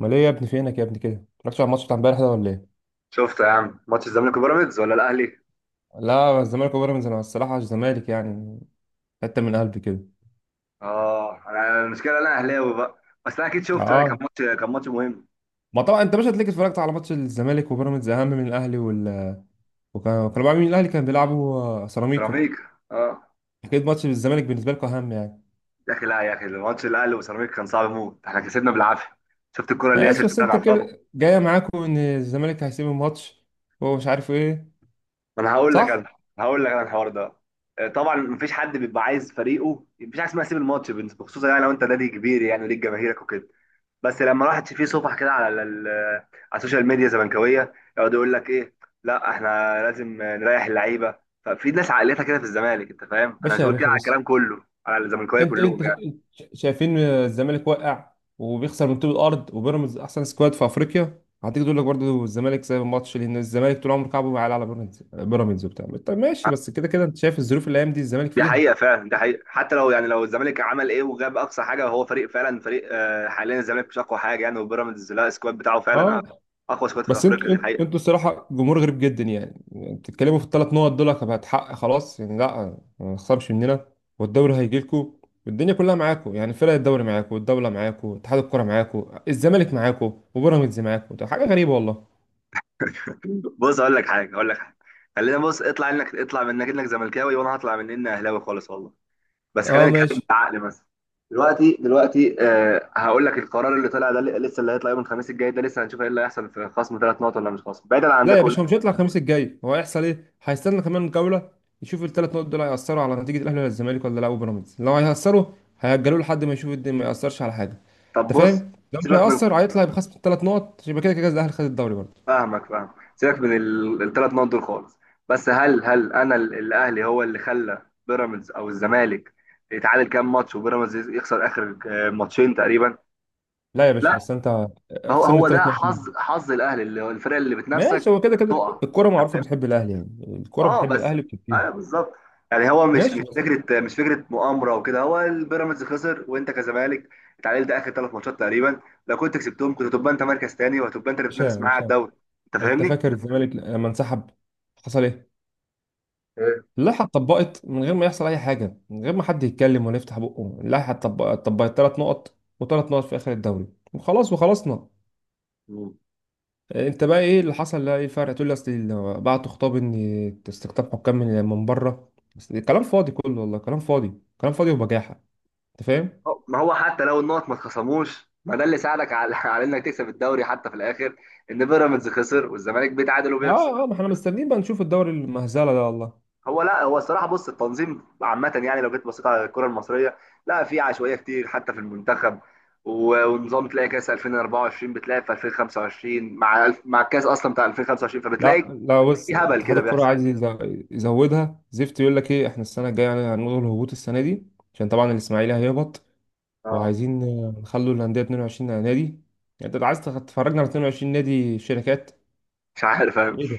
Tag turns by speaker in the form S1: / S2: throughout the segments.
S1: امال ايه يا ابني؟ فينك يا ابني كده؟ مالكش على الماتش بتاع امبارح ده ولا ايه؟
S2: شفت يا عم ماتش الزمالك وبيراميدز ولا الاهلي؟
S1: لا الزمالك وبيراميدز، انا الصراحه الزمالك يعني حته من قلبي كده.
S2: اه، انا المشكله انا اهلاوي بقى. بس انا اكيد شفت، كان
S1: اه
S2: ماتش كان ماتش مهم.
S1: ما طبعا انت مش هتلاقيك اتفرجت على ماتش الزمالك وبيراميدز اهم من الاهلي وكانوا بيلعبوا مين؟ الاهلي كان بيلعبوا سيراميكا.
S2: سيراميكا، اه.
S1: اكيد ماتش الزمالك بالنسبه لكم اهم يعني.
S2: يا اخي لا يا اخي، الماتش الاهلي وسيراميكا كان صعب موت، احنا كسبنا بالعافيه. شفت الكره اللي ياسر
S1: ماشي، بس
S2: شاهد
S1: انت
S2: على الخط؟
S1: كده جايه معاكم ان الزمالك هيسيب الماتش ومش عارف ايه.
S2: ما انا هقول لك
S1: صح.
S2: انا هقول لك انا الحوار ده. طبعا مفيش حد بيبقى عايز فريقه، مفيش حاجه اسمها سيب الماتش، بخصوصا يعني لو انت نادي كبير يعني وليك جماهيرك وكده. بس لما راحت في صفح كده على على السوشيال ميديا زملكاويه، يقعد يقول لك ايه: لا احنا لازم نريح اللعيبه. ففي ناس عقليتها كده في الزمالك، انت فاهم، انا مش
S1: باشا، يا
S2: بقول كده
S1: باشا
S2: على
S1: بص،
S2: الكلام كله، على الزملكاويه
S1: انت
S2: كلهم يعني.
S1: شايفين الزمالك واقع وبيخسر من طوب الارض، وبيراميدز احسن سكواد في افريقيا، هتيجي تقول لك برضه الزمالك سايب الماتش؟ لان الزمالك طول عمره كعبه بيعلى على بيراميدز. بيراميدز وبتاع، طب ماشي، بس كده كده انت شايف الظروف اللي الايام دي الزمالك
S2: دي
S1: فيها.
S2: حقيقه فعلا، دي حقيقه، حتى لو يعني لو الزمالك عمل ايه وجاب اقصى حاجه وهو فريق فعلا فريق، حاليا الزمالك مش اقوى حاجه يعني، وبيراميدز لا، السكواد بتاعه فعلا
S1: اه
S2: اقوى سكواد في
S1: بس انتوا
S2: افريقيا، دي
S1: انتوا انتوا
S2: حقيقه.
S1: الصراحه جمهور غريب جدا يعني. بتتكلموا في الثلاث نقط دول هتحقق خلاص يعني، لا ما تخسرش مننا والدوري هيجي لكم والدنيا كلها معاكم يعني، فرق الدوري معاكم والدوله معاكم اتحاد الكره معاكم الزمالك معاكم وبيراميدز معاكم، ده حاجه غريبه والله.
S2: بص اقول لك حاجه، اقول لك حاجه، خلينا، بص، اطلع انك، اطلع من انك انك زملكاوي، وانا هطلع من اني اهلاوي خالص والله. بس
S1: اه
S2: خلينا نتكلم
S1: ماشي.
S2: بالعقل. مثلا دلوقتي آه، هقول لك القرار اللي طلع ده، لسه اللي هيطلع يوم الخميس الجاي ده، لسه هنشوف ايه اللي هيحصل، في خصم ثلاث نقط ولا مش خصم. بعيدا عن
S1: لا
S2: ده
S1: يا
S2: كله،
S1: باشا، هو مش هيطلع الخميس الجاي. هو هيحصل ايه؟ هيستنى كمان جوله، يشوف الثلاث نقط دول هيأثروا على نتيجه الاهلي ولا الزمالك ولا لا وبيراميدز، لو هيأثروا هيأجلوه لحد ما يشوف الدنيا ما يأثرش على حاجه.
S2: طب
S1: انت
S2: بص،
S1: فاهم؟ لو مش
S2: سيبك من،
S1: هيأثر هيطلع بخصم الثلاث نقط، يبقى كده كده الاهلي خد الدوري برضه.
S2: فاهمك فاهم، سيبك من الثلاث نقط دول خالص. بس هل انا، الاهلي هو اللي خلى بيراميدز او الزمالك يتعادل كام ماتش، وبيراميدز يخسر اخر ماتشين تقريبا؟
S1: لا يا باشا
S2: لا،
S1: بس انت،
S2: هو
S1: خصمني
S2: هو ده
S1: الثلاث نقط مني،
S2: حظ، حظ الاهلي اللي هو الفرق اللي بتنافسك
S1: ماشي، هو كده كده
S2: تقع.
S1: الكوره معروفه بتحب الاهلي يعني. الكوره
S2: اه
S1: بتحب
S2: بس،
S1: الاهلي بتكتير.
S2: ايوه بالظبط. يعني هو مش،
S1: ماشي بس،
S2: مش فكره مؤامره وكده، هو البيراميدز خسر، وانت كزمالك اتعادلت اخر ثلاث ماتشات تقريبا، لو كنت كسبتهم كنت هتبقى انت مركز تاني، وهتبقى انت اللي بتنافس معاه على
S1: مش عارف.
S2: الدوري. انت
S1: انت
S2: فاهمني؟
S1: فاكر الزمالك لما انسحب حصل ايه؟
S2: ايه.
S1: اللائحة اتطبقت من غير ما يحصل أي حاجة، من غير ما حد يتكلم ولا يفتح بقه. اتطبقت تلات نقط، وتلات نقط في آخر الدوري، وخلاص وخلصنا.
S2: مم.
S1: أنت بقى إيه اللي حصل؟ لا إيه الفرق؟ تقول لي أصل بعتوا خطاب إن استقطاب حكام من بره، بس كلام فاضي كله والله، كلام فاضي كلام فاضي وبجاحة. أنت فاهم؟
S2: ما هو حتى لو النقط ما اتخصموش، ما ده اللي ساعدك على على انك تكسب الدوري حتى في الاخر، ان بيراميدز خسر والزمالك بيتعادل وبيخسر.
S1: آه آه، ما إحنا مستنيين بقى نشوف الدوري المهزلة ده والله.
S2: هو لا، هو الصراحه بص، التنظيم عامه يعني، لو جيت بصيت على الكره المصريه لا، في عشوائيه كتير، حتى في المنتخب، ونظام، تلاقي كاس 2024 بتلاقي في 2025 مع الكاس اصلا بتاع 2025،
S1: لا
S2: فبتلاقي
S1: لا، بص،
S2: في هبل
S1: اتحاد
S2: كده
S1: الكرة
S2: بيحصل.
S1: عايز يزودها زفت. يقول لك إيه، إحنا السنة الجاية يعني هنلغي الهبوط السنة دي عشان طبعا الإسماعيلي هيهبط،
S2: اه،
S1: وعايزين نخلوا الأندية 22 نادي. يعني أنت عايز تفرجنا على 22 نادي شركات؟
S2: مش عارف، فاهم.
S1: إيه ده؟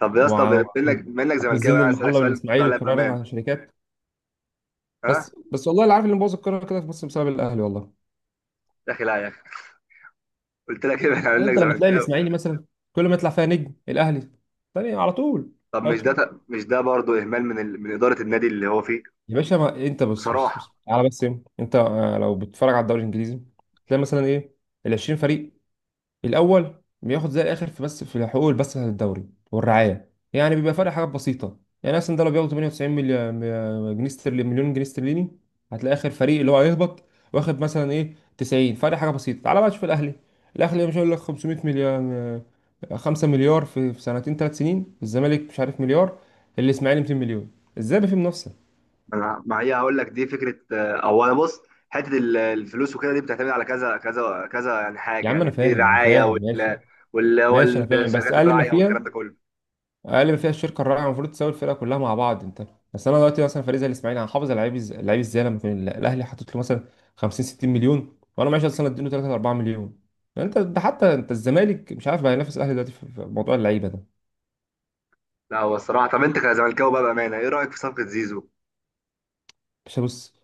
S2: طب يا اسطى،
S1: وع-
S2: بما انك
S1: وهتنزل
S2: زملكاوي،
S1: لي
S2: انا عايز
S1: المحلة
S2: اسالك سؤال ترد
S1: والإسماعيلي
S2: عليا
S1: وتفرجنا
S2: بامان.
S1: على شركات؟
S2: ها.
S1: بس والله اللي عارف اللي مبوظ الكورة كده في مصر بسبب الأهلي والله.
S2: يا اخي لا يا اخي، قلت لك ايه، انا هقول لك
S1: أنت لما تلاقي
S2: زملكاوي.
S1: الإسماعيلي مثلا كل ما يطلع فيها نجم الأهلي تاني على طول
S2: طب مش
S1: هاته.
S2: ده مش ده برضه اهمال من ال... من اداره النادي اللي هو فيه؟
S1: يا باشا ما أنت بص بص
S2: بصراحه
S1: بص على بس إيه؟ أنت لو بتتفرج على الدوري الإنجليزي تلاقي مثلا إيه، ال 20 فريق الأول بياخد زي الآخر في، بس في حقوق البث بتاعت الدوري والرعاية يعني بيبقى فرق حاجات بسيطة. يعني مثلا ده لو بياخد 98 مليون جنيه استرليني مليون جنيه استرليني، هتلاقي آخر فريق اللي هو هيهبط واخد مثلا إيه 90، فرق حاجة بسيطة. تعالى بقى تشوف الأهلي. الأهلي مش هيقول لك 500 مليون، 5 مليار في سنتين ثلاث سنين، الزمالك مش عارف مليار، الإسماعيلي 200 مليون، إزاي بقى في منافسة؟
S2: انا، ما هي هقول لك، دي فكره، او انا بص، حته الفلوس وكده، دي بتعتمد على كذا كذا كذا يعني،
S1: يا
S2: حاجه
S1: عم
S2: يعني،
S1: أنا
S2: في
S1: فاهم أنا
S2: رعايه،
S1: فاهم ماشي. ماشي أنا فاهم، بس
S2: والشركات
S1: أقل ما
S2: الراعيه
S1: فيها،
S2: والكلام ده كله.
S1: اقل ما فيها الشركه الرائعه المفروض تساوي الفرقه كلها مع بعض، انت بس انا دلوقتي مثلا فريق زي الاسماعيلي هحافظ على لعيب لعيب ازاي لما يكون الاهلي حاطط له مثلا 50 60 مليون وانا معيش اصلا اديله 3 4 مليون؟ انت ده، حتى انت الزمالك مش عارف بقى ينافس الاهلي دلوقتي في موضوع اللعيبه ده.
S2: لا، هو الصراحه، طب انت كزملكاوي بقى بامانه ايه رايك في صفقه زيزو؟
S1: مش بص،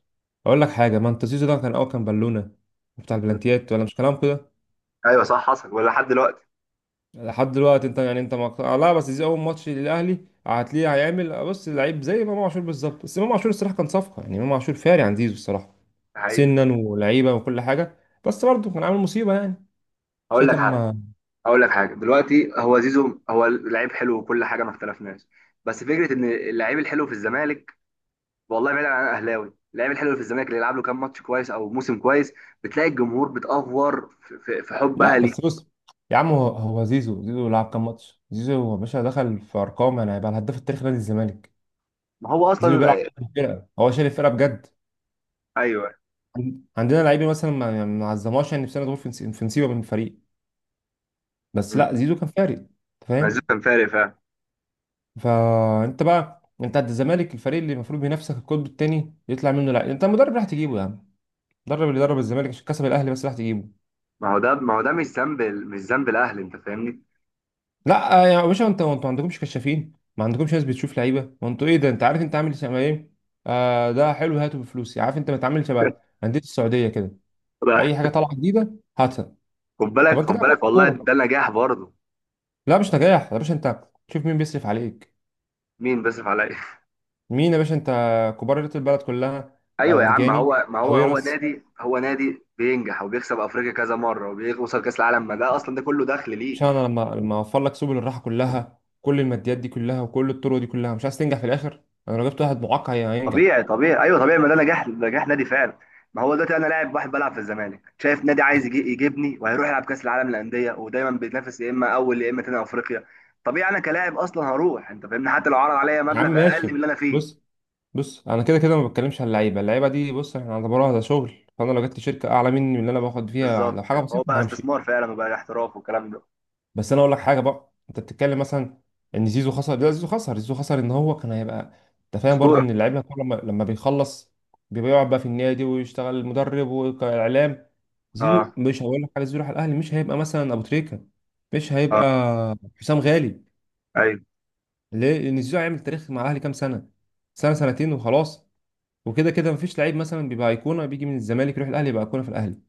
S1: اقول لك حاجه، ما انت زيزو ده كان اول كان بالونه بتاع
S2: مم.
S1: البلانتيات ولا مش كلام كده.
S2: ايوه صح، حصل ولا لحد دلوقتي؟
S1: لحد دلوقتي انت يعني انت لا بس زيزو اول ماتش للاهلي هتلاقيه هيعمل بص اللعيب زي امام عاشور بالظبط، بس امام عاشور الصراحه كان صفقه يعني، امام عاشور فاري عن زيزو الصراحه
S2: ده حقيقة.
S1: سنا ولعيبه وكل حاجه، بس برضه كان عامل مصيبه يعني
S2: هقول لك
S1: شاتم.
S2: حاجه، هقول لك حاجه. دلوقتي هو زيزو هو لعيب حلو وكل حاجه، ما اختلفناش. بس فكره ان اللعيب الحلو في الزمالك، والله بعيد عن الاهلاوي، اللعيب الحلو اللي في الزمالك اللي يلعب له كام ماتش كويس او موسم كويس، بتلاقي الجمهور بتأفور في
S1: لا
S2: حبها ليه.
S1: بس بص يا عم، هو زيزو، زيزو لعب كام ماتش؟ زيزو يا باشا دخل في ارقام يعني هيبقى الهداف التاريخي نادي الزمالك.
S2: ما هو
S1: زيزو
S2: اصلا.
S1: بيلعب في الفرقه هو شايل الفرقه بجد.
S2: ايوه.
S1: عندنا لعيبه مثلا ما عظمهاش يعني، في سنه دول في في نصيبه من الفريق، بس
S2: مم.
S1: لا زيزو كان فارق. انت
S2: مازو
S1: فاهم؟
S2: كان فارق فعلا.
S1: فانت بقى انت عند الزمالك الفريق اللي المفروض بينافسك القطب الثاني يطلع منه، لا انت المدرب راح تجيبه يا عم، المدرب اللي درب الزمالك عشان كسب الاهلي بس راح تجيبه.
S2: ما هو ده، ما هو ده مش ذنب، مش ذنب الاهلي، انت فاهمني؟
S1: لا يا باشا انت، انتوا ما عندكمش كشافين، ما عندكمش ناس بتشوف لعيبه، وانتوا ايه ده، انت عارف انت عامل شبه ايه؟ آه، ده حلو هاته بفلوسي، عارف انت بتعامل شبه انديه السعوديه كده،
S2: ده-
S1: اي حاجه طالعه جديده هاتها.
S2: خد بالك،
S1: طب انت
S2: خد
S1: كده فوت
S2: بالك، والله ده
S1: الكوره.
S2: نجاح برضه.
S1: لا مش نجاح يا باشا، انت شوف مين بيصرف عليك.
S2: مين بيصرف عليا؟
S1: مين يا باشا؟ انت كبار رياضه البلد كلها.
S2: ايوه يا عم، ما
S1: عرجاني
S2: هو،
S1: طويرس
S2: هو نادي بينجح وبيكسب افريقيا كذا مره، وبيوصل كاس العالم، ما ده اصلا ده كله دخل ليه.
S1: عشان انا، لما اوفر لك سبل الراحه كلها، كل الماديات دي كلها وكل الطرق دي كلها، مش عايز تنجح في الاخر؟ انا لو جبت واحد معاق هينجح.
S2: طبيعي طبيعي، ايوه طبيعي، ما ده نجاح، نجاح نادي فعلا. ما هو دلوقتي انا لاعب واحد بلعب في الزمالك، شايف نادي عايز يجي يجيبني وهيروح يلعب كاس العالم للانديه، ودايما بيتنافس يا اما اول يا اما تاني افريقيا، طبيعي انا كلاعب اصلا هروح، انت فاهمني، حتى لو عرض عليا
S1: يا عم
S2: مبلغ اقل
S1: ماشي،
S2: من اللي انا فيه.
S1: بص، بص انا كده كده ما بتكلمش على اللعيبه، اللعيبه دي بص احنا هنعتبرها ده شغل، فانا لو جبت شركه اعلى مني من اللي انا باخد فيها
S2: بالظبط،
S1: لو حاجه
S2: هو بقى
S1: بسيطه همشي.
S2: استثمار فعلا، وبقى احتراف والكلام ده.
S1: بس انا اقول لك حاجه بقى، انت بتتكلم مثلا ان زيزو خسر، لا زيزو خسر، زيزو خسر ان هو كان هيبقى، انت فاهم برضو،
S2: اسطوره.
S1: ان اللعيب كله لما بيخلص بيبقى يقعد بقى في النادي ويشتغل المدرب والاعلام. زيزو
S2: اه.
S1: مش هقول لك حاجه، زيزو راح الاهلي مش هيبقى مثلا ابو تريكه، مش هيبقى
S2: اه.
S1: حسام غالي.
S2: ايوه.
S1: ليه؟ لان زيزو هيعمل تاريخ مع الاهلي كام سنه؟ سنه سنتين وخلاص، وكده كده مفيش لعيب مثلا بيبقى ايقونه بيجي من الزمالك يروح الاهلي يبقى ايقونه في الاهلي.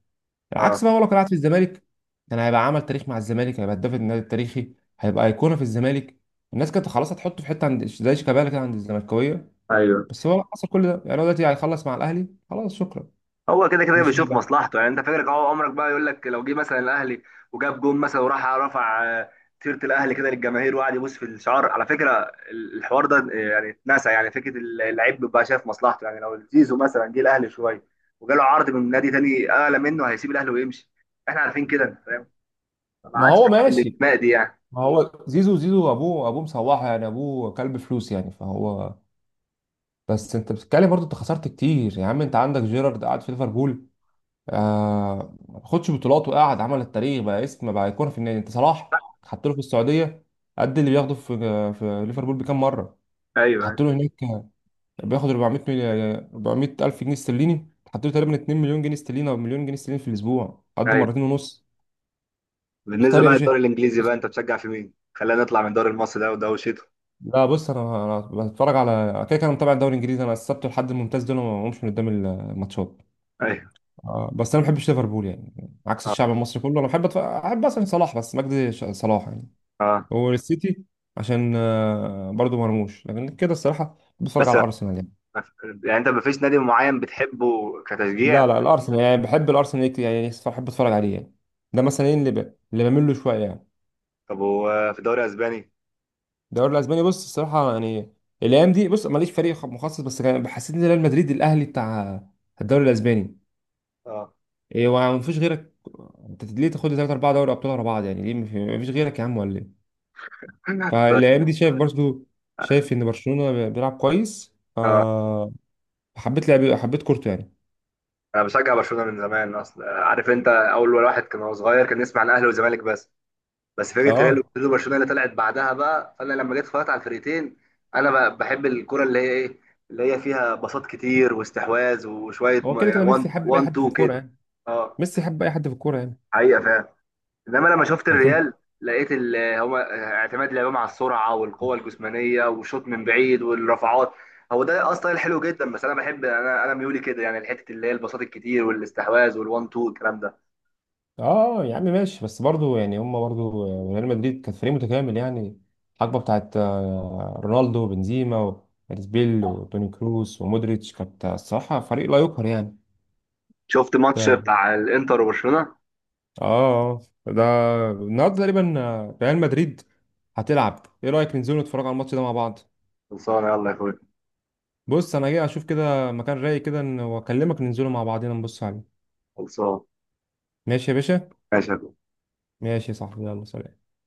S2: اه.
S1: العكس بقى، هو لو كان قاعد في الزمالك كان هيبقى عمل تاريخ مع الزمالك، هيبقى هداف النادي التاريخي، هيبقى ايقونه في الزمالك، الناس كانت خلاص هتحطه في حته عند زي شيكابالا كده عند الزملكاويه،
S2: ايوه.
S1: بس هو حصل كل ده يعني، هو دلوقتي هيخلص مع الاهلي خلاص شكرا،
S2: هو كده كده
S1: مش
S2: بيشوف
S1: هيبقى.
S2: مصلحته يعني، انت فاكرك اهو عمرك بقى يقول لك، لو جه مثلا الاهلي وجاب جون مثلا وراح رفع تيشيرت الاهلي كده للجماهير وقعد يبوس في الشعار، على فكره الحوار ده يعني اتنسى، يعني فكره اللعيب بيبقى شايف مصلحته يعني، لو زيزو مثلا جه الاهلي شويه وجاله عرض من نادي تاني اعلى منه هيسيب الاهلي ويمشي، احنا عارفين كده، انت فاهم، ما
S1: ما
S2: عادش
S1: هو
S2: حته
S1: ماشي،
S2: الانتماء دي يعني.
S1: ما هو زيزو، ابوه، مصوحه يعني، ابوه كلب فلوس يعني فهو، بس انت بتتكلم برضه، انت خسرت كتير يا عم، انت عندك جيرارد قاعد في ليفربول آه ما خدش بطولات وقعد عمل التاريخ بقى اسم بقى ايقونه في النادي. انت صلاح حط له في السعوديه قد اللي بياخده في ليفربول بكام مره، حط
S2: ايوه.
S1: له هناك بياخد 400 مليون، 400 الف جنيه استرليني، حط له تقريبا 2 مليون جنيه استرليني او مليون جنيه استرليني في الاسبوع قد
S2: ايوه.
S1: مرتين ونص.
S2: بالنسبه
S1: اختار يا
S2: بقى
S1: باشا.
S2: للدوري الانجليزي، بقى انت بتشجع في مين؟ خلينا نطلع من الدوري المصري ده وده وشيته.
S1: لا بص انا، بتفرج على كده كده، انا متابع الدوري الانجليزي، انا السبت والحد الممتاز دول ما بقومش من قدام الماتشات.
S2: ايوه.
S1: آه بس انا ما بحبش ليفربول يعني، عكس الشعب
S2: اه.
S1: المصري كله، انا بحب احب مثلا صلاح، بس مجدي صلاح يعني،
S2: اه.
S1: والسيتي عشان برضو مرموش. لكن كده الصراحه بتفرج
S2: بس
S1: على الارسنال يعني.
S2: يعني انت مفيش نادي معين بتحبه
S1: لا
S2: كتشجيع؟
S1: لا، الارسنال يعني بحب الارسنال كتير، يعني بحب اتفرج عليه يعني، ده مثلا ايه اللي اللي بميل له شويه يعني.
S2: طب هو في الدوري الاسباني؟
S1: الدوري الاسباني بص الصراحه يعني، الايام دي بص ماليش فريق مخصص، بس كان حسيت ان ريال مدريد الاهلي بتاع الدوري الاسباني،
S2: اه.
S1: ايه ومفيش غيرك؟ انت ليه تاخد لي 3 4 دوري ابطال ورا بعض يعني؟ ليه مفيش غيرك يا عم ولا ايه؟
S2: بس
S1: فالايام دي شايف برضو، شايف ان برشلونه بيلعب كويس حبيت لعب، حبيت كورته يعني.
S2: انا بشجع برشلونه من زمان اصلا، عارف انت، اول واحد كان هو صغير كان يسمع عن الاهلي والزمالك بس، بس فكره ريال
S1: اه،
S2: وبرشلونه، برشلونة اللي طلعت بعدها بقى، فانا لما جيت اتفرجت على الفرقتين، انا بحب الكره اللي هي ايه، اللي هي فيها بساط كتير واستحواذ وشويه
S1: هو كده كده ميسي
S2: 1
S1: حب اي
S2: 1
S1: حد في
S2: 2
S1: الكوره
S2: كده.
S1: يعني.
S2: اه.
S1: ميسي حب اي حد في الكوره يعني،
S2: حقيقه فعلا. انما لما شفت
S1: لكن،
S2: الريال لقيت هما اعتماد لعبهم على السرعه والقوه الجسمانيه والشوط من بعيد والرفعات، هو ده اصلا الحلو جدا، بس انا بحب، انا ميولي كده يعني، الحته اللي هي البساط الكتير والاستحواذ والوان تو الكلام ده.
S1: اه يا عم ماشي، بس برضو يعني هم برضو ريال مدريد كان فريق متكامل يعني، الحقبه بتاعت رونالدو وبنزيما وارزبيل وتوني كروس ومودريتش كانت الصراحه فريق لا يقهر يعني.
S2: شفت ماتش
S1: ده-
S2: بتاع الانتر وبرشلونه؟
S1: اه. آه. ده النهارده تقريبا ريال مدريد هتلعب، ايه رايك ننزلوا نتفرج على الماتش ده مع بعض؟
S2: خلصان، يلا يا اخويا.
S1: بص انا جاي اشوف كده مكان رايق كده واكلمك ننزلوا مع بعضنا نبص عليه.
S2: خلصان.
S1: ماشي يا باشا.
S2: ماشي يا أخويا.
S1: ماشي يا صاحبي، يلا سلام.